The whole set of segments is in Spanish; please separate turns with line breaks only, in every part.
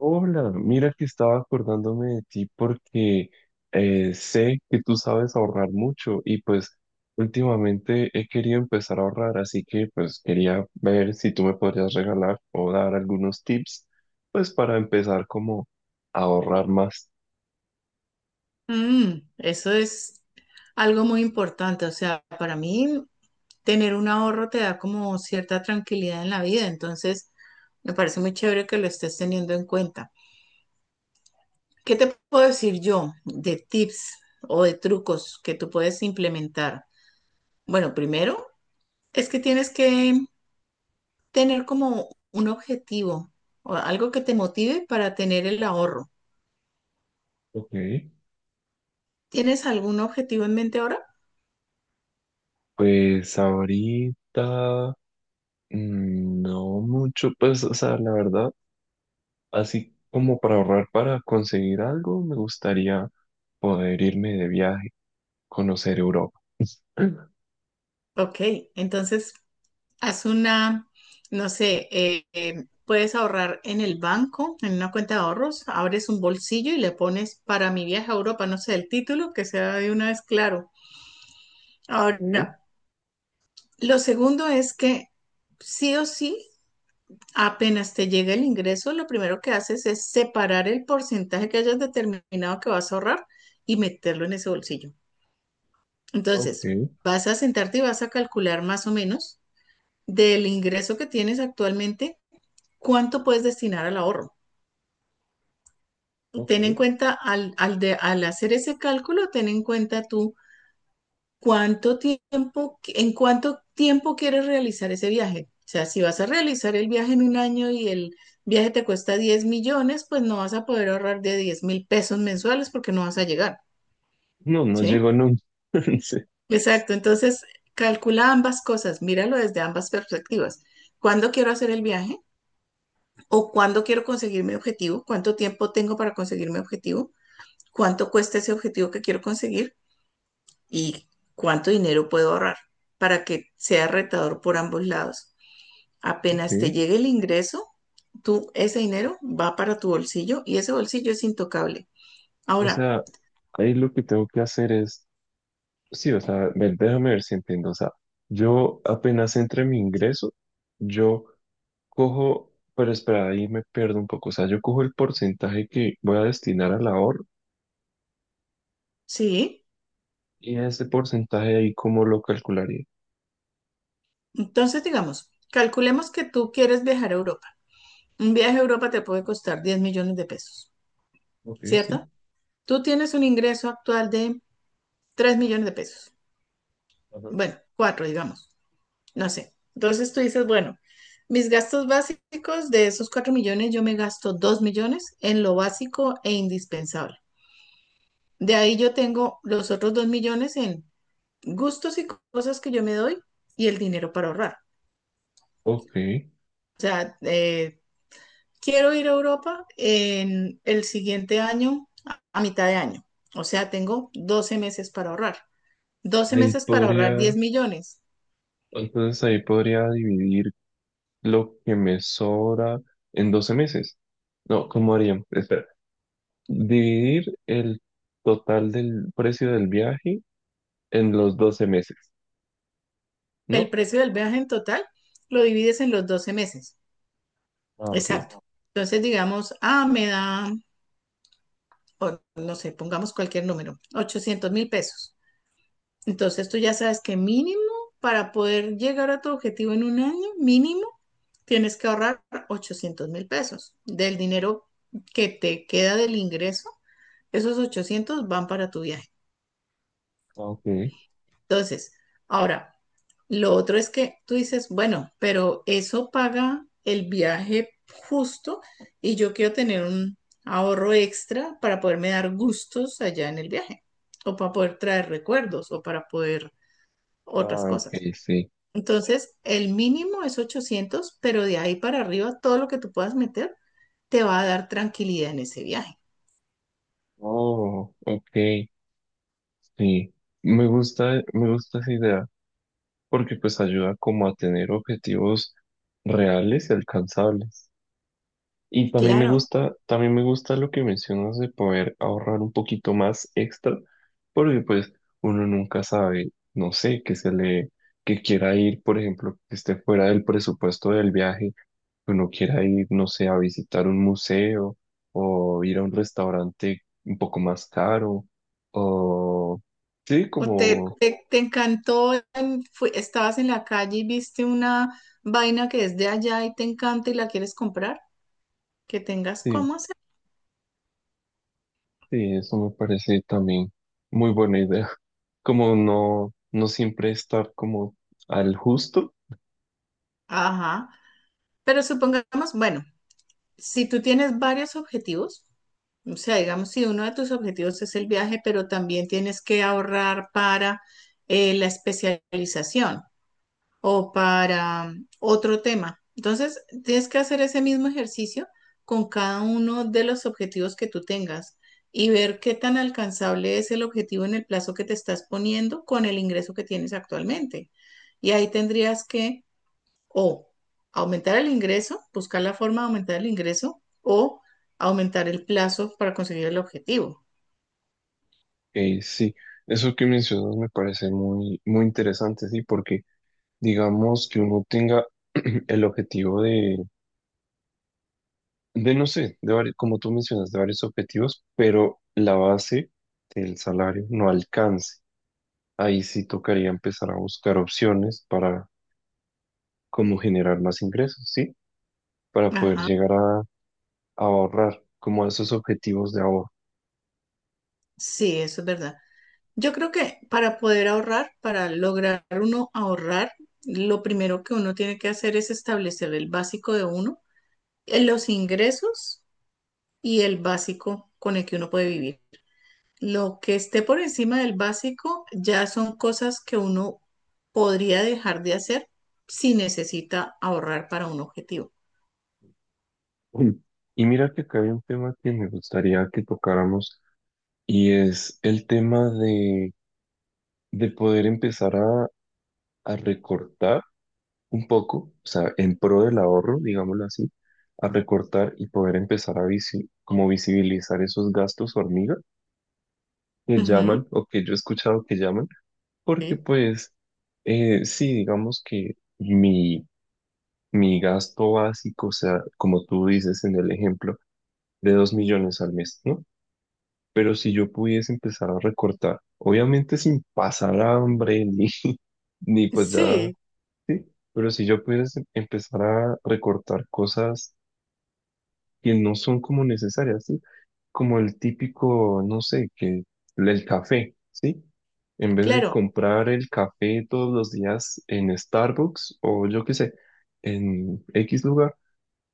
Hola, mira que estaba acordándome de ti porque sé que tú sabes ahorrar mucho y pues últimamente he querido empezar a ahorrar, así que pues quería ver si tú me podrías regalar o dar algunos tips pues para empezar como a ahorrar más.
Eso es algo muy importante. O sea, para mí tener un ahorro te da como cierta tranquilidad en la vida. Entonces, me parece muy chévere que lo estés teniendo en cuenta. ¿Qué te puedo decir yo de tips o de trucos que tú puedes implementar? Bueno, primero es que tienes que tener como un objetivo o algo que te motive para tener el ahorro.
Ok,
¿Tienes algún objetivo en mente ahora?
pues ahorita no mucho, pues o sea, la verdad, así como para ahorrar para conseguir algo, me gustaría poder irme de viaje conocer Europa.
Ok, entonces haz una, no sé, puedes ahorrar en el banco, en una cuenta de ahorros, abres un bolsillo y le pones para mi viaje a Europa, no sé, el título, que sea de una vez claro.
Ok,
Ahora, lo segundo es que sí o sí, apenas te llega el ingreso, lo primero que haces es separar el porcentaje que hayas determinado que vas a ahorrar y meterlo en ese bolsillo. Entonces,
ok,
vas a sentarte y vas a calcular más o menos del ingreso que tienes actualmente, ¿cuánto puedes destinar al ahorro? Ten en
ok.
cuenta, al hacer ese cálculo, ten en cuenta tú cuánto tiempo, en cuánto tiempo quieres realizar ese viaje. O sea, si vas a realizar el viaje en un año y el viaje te cuesta 10 millones, pues no vas a poder ahorrar de 10.000 pesos mensuales porque no vas a llegar,
No, no llegó
¿sí?
nunca. Sí,
Exacto, entonces calcula ambas cosas, míralo desde ambas perspectivas. ¿Cuándo quiero hacer el viaje? ¿O cuándo quiero conseguir mi objetivo? ¿Cuánto tiempo tengo para conseguir mi objetivo? Cuánto cuesta ese objetivo que quiero conseguir y cuánto dinero puedo ahorrar para que sea retador por ambos lados. Apenas te
ok.
llegue el ingreso, tú ese dinero va para tu bolsillo y ese bolsillo es intocable.
O
Ahora,
sea, ahí lo que tengo que hacer es, sí, o sea, ver, déjame ver si entiendo. O sea, yo apenas entre mi ingreso, yo cojo, pero espera, ahí me pierdo un poco. O sea, yo cojo el porcentaje que voy a destinar al ahorro
sí,
y ese porcentaje ahí, ¿cómo lo calcularía?
entonces digamos, calculemos que tú quieres viajar a Europa. Un viaje a Europa te puede costar 10 millones de pesos,
Ok, sí.
¿cierto? Tú tienes un ingreso actual de 3 millones de pesos.
Ajá.
Bueno, 4, digamos. No sé. Entonces tú dices, bueno, mis gastos básicos de esos 4 millones, yo me gasto 2 millones en lo básico e indispensable. De ahí yo tengo los otros 2 millones en gustos y cosas que yo me doy y el dinero para ahorrar.
Ok,
O sea, quiero ir a Europa en el siguiente año, a mitad de año. O sea, tengo 12 meses para ahorrar. 12
ahí
meses para ahorrar
podría,
10 millones.
entonces ahí podría dividir lo que me sobra en 12 meses. No, ¿cómo harían? Espera. Dividir el total del precio del viaje en los 12 meses,
El
¿no?
precio del viaje en total lo divides en los 12 meses.
Ah, ok.
Exacto. Entonces, digamos, ah, me da, o no sé, pongamos cualquier número, 800.000 pesos. Entonces, tú ya sabes que mínimo para poder llegar a tu objetivo en un año, mínimo, tienes que ahorrar 800.000 pesos. Del dinero que te queda del ingreso, esos 800 van para tu viaje.
Ah, ok.
Entonces, ahora, lo otro es que tú dices, bueno, pero eso paga el viaje justo y yo quiero tener un ahorro extra para poderme dar gustos allá en el viaje o para poder traer recuerdos o para poder otras
Ah, ok,
cosas.
sí.
Entonces, el mínimo es 800, pero de ahí para arriba todo lo que tú puedas meter te va a dar tranquilidad en ese viaje.
Oh, ok, sí. Me gusta esa idea porque pues ayuda como a tener objetivos reales y alcanzables. Y
Claro,
también me gusta lo que mencionas de poder ahorrar un poquito más extra, porque pues uno nunca sabe, no sé, que quiera ir, por ejemplo, que esté fuera del presupuesto del viaje, que uno quiera ir, no sé, a visitar un museo o ir a un restaurante un poco más caro, o sí,
¿o te,
como,
te, te encantó, estabas en la calle y viste una vaina que es de allá y te encanta y la quieres comprar? Que tengas
sí,
cómo hacer.
sí, eso me parece también muy buena idea, como no, no siempre estar como al justo.
Ajá. Pero supongamos, bueno, si tú tienes varios objetivos, o sea, digamos, si uno de tus objetivos es el viaje, pero también tienes que ahorrar para la especialización, o para otro tema. Entonces, tienes que hacer ese mismo ejercicio con cada uno de los objetivos que tú tengas y ver qué tan alcanzable es el objetivo en el plazo que te estás poniendo con el ingreso que tienes actualmente. Y ahí tendrías que o aumentar el ingreso, buscar la forma de aumentar el ingreso o aumentar el plazo para conseguir el objetivo.
Sí, eso que mencionas me parece muy, muy interesante, sí, porque digamos que uno tenga el objetivo de no sé, como tú mencionas, de varios objetivos, pero la base del salario no alcance. Ahí sí tocaría empezar a buscar opciones para cómo generar más ingresos, sí, para poder
Ajá,
llegar a ahorrar, como a esos objetivos de ahorro.
sí, eso es verdad. Yo creo que para poder ahorrar, para lograr uno ahorrar, lo primero que uno tiene que hacer es establecer el básico de uno, los ingresos y el básico con el que uno puede vivir. Lo que esté por encima del básico ya son cosas que uno podría dejar de hacer si necesita ahorrar para un objetivo.
Mm. Y mira que acá hay un tema que me gustaría que tocáramos y es el tema de poder empezar a recortar un poco, o sea, en pro del ahorro, digámoslo así, a recortar y poder empezar a como visibilizar esos gastos hormiga que
Ujú.
llaman o que yo he escuchado que llaman, porque
Sí,
pues sí, digamos que mi, mi gasto básico, o sea, como tú dices en el ejemplo, de 2 millones al mes, ¿no? Pero si yo pudiese empezar a recortar, obviamente sin pasar hambre ni, ni pues ya.
sí,
Sí, pero si yo pudiera empezar a recortar cosas que no son como necesarias, ¿sí? Como el típico, no sé, que el café, ¿sí? En vez de
claro.
comprar el café todos los días en Starbucks o yo qué sé, en X lugar,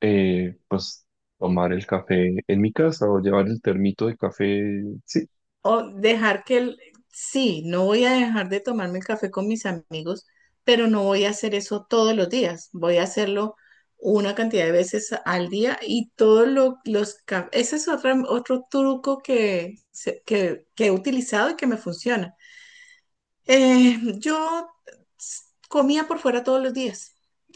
pues tomar el café en mi casa o llevar el termito de café, sí.
O dejar que el, sí, no voy a dejar de tomarme el café con mis amigos, pero no voy a hacer eso todos los días. Voy a hacerlo una cantidad de veces al día y todos los... ese es otro truco que he utilizado y que me funciona. Yo s- comía por fuera todos los días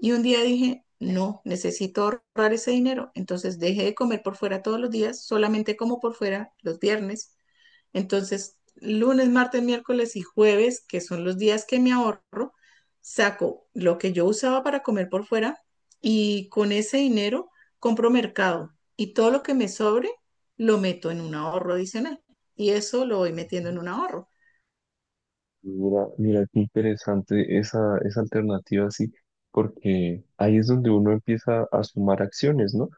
y un día dije, no, necesito ahorrar ese dinero. Entonces dejé de comer por fuera todos los días, solamente como por fuera los viernes. Entonces, lunes, martes, miércoles y jueves, que son los días que me ahorro, saco lo que yo usaba para comer por fuera y con ese dinero compro mercado y todo lo que me sobre lo meto en un ahorro adicional y eso lo voy metiendo en un ahorro.
Mira, mira, qué interesante esa alternativa, sí, porque ahí es donde uno empieza a sumar acciones, ¿no?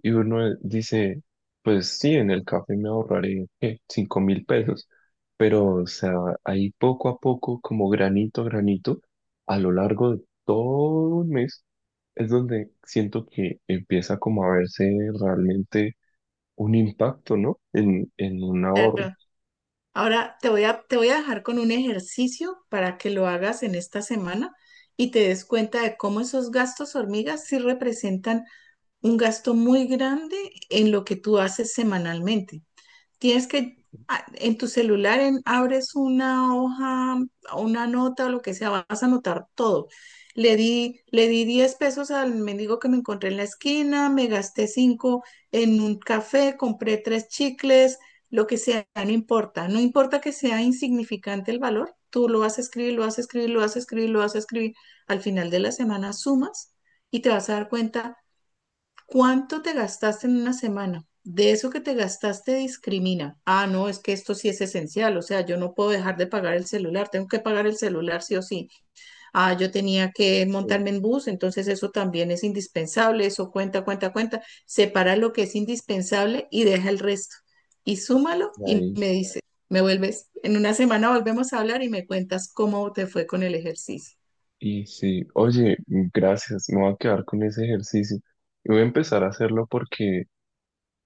Y uno dice, pues sí, en el café me ahorraré, ¿qué? 5.000 pesos, pero, o sea, ahí poco a poco, como granito a granito, a lo largo de todo un mes, es donde siento que empieza como a verse realmente un impacto, ¿no? En un ahorro.
Pero ahora te voy a dejar con un ejercicio para que lo hagas en esta semana y te des cuenta de cómo esos gastos hormigas sí representan un gasto muy grande en lo que tú haces semanalmente. Tienes que, en tu celular, abres una hoja, una nota o lo que sea, vas a anotar todo. Le di 10 pesos al mendigo que me encontré en la esquina, me gasté 5 en un café, compré tres chicles, lo que sea, no importa. No importa que sea insignificante el valor, tú lo vas a escribir, lo vas a escribir, lo vas a escribir, lo vas a escribir. Al final de la semana sumas y te vas a dar cuenta. ¿Cuánto te gastaste en una semana? De eso que te gastaste discrimina. Ah, no, es que esto sí es esencial, o sea, yo no puedo dejar de pagar el celular, tengo que pagar el celular sí o sí. Ah, yo tenía que
Sí,
montarme en bus, entonces eso también es indispensable, eso cuenta, cuenta, cuenta. Separa lo que es indispensable y deja el resto. Y súmalo
y
y
ahí
me dice, me vuelves, en una semana volvemos a hablar y me cuentas cómo te fue con el ejercicio.
Y sí, oye, gracias, me voy a quedar con ese ejercicio y voy a empezar a hacerlo porque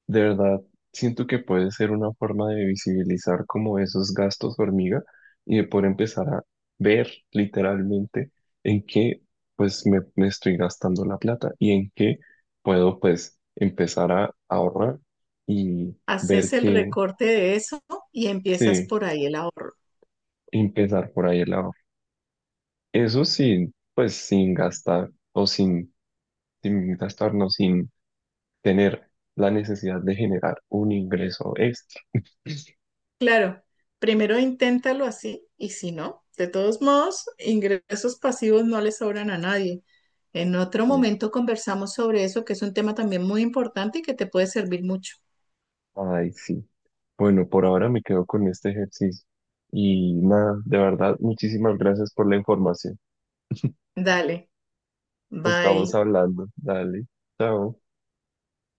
de verdad siento que puede ser una forma de visibilizar como esos gastos hormiga y de poder empezar a ver literalmente en qué pues me estoy gastando la plata y en qué puedo pues empezar a ahorrar y
Haces
ver
el
que
recorte de eso y empiezas
sí,
por ahí el ahorro.
empezar por ahí el ahorro. Eso sí, pues sin gastar o sin gastarnos, sin tener la necesidad de generar un ingreso extra.
Claro, primero inténtalo así y si no, de todos modos, ingresos pasivos no le sobran a nadie. En otro
Eh,
momento conversamos sobre eso, que es un tema también muy importante y que te puede servir mucho.
Ay, sí. Bueno, por ahora me quedo con este ejercicio. Y nada, de verdad, muchísimas gracias por la información.
Dale, bye.
Estamos hablando. Dale, chao.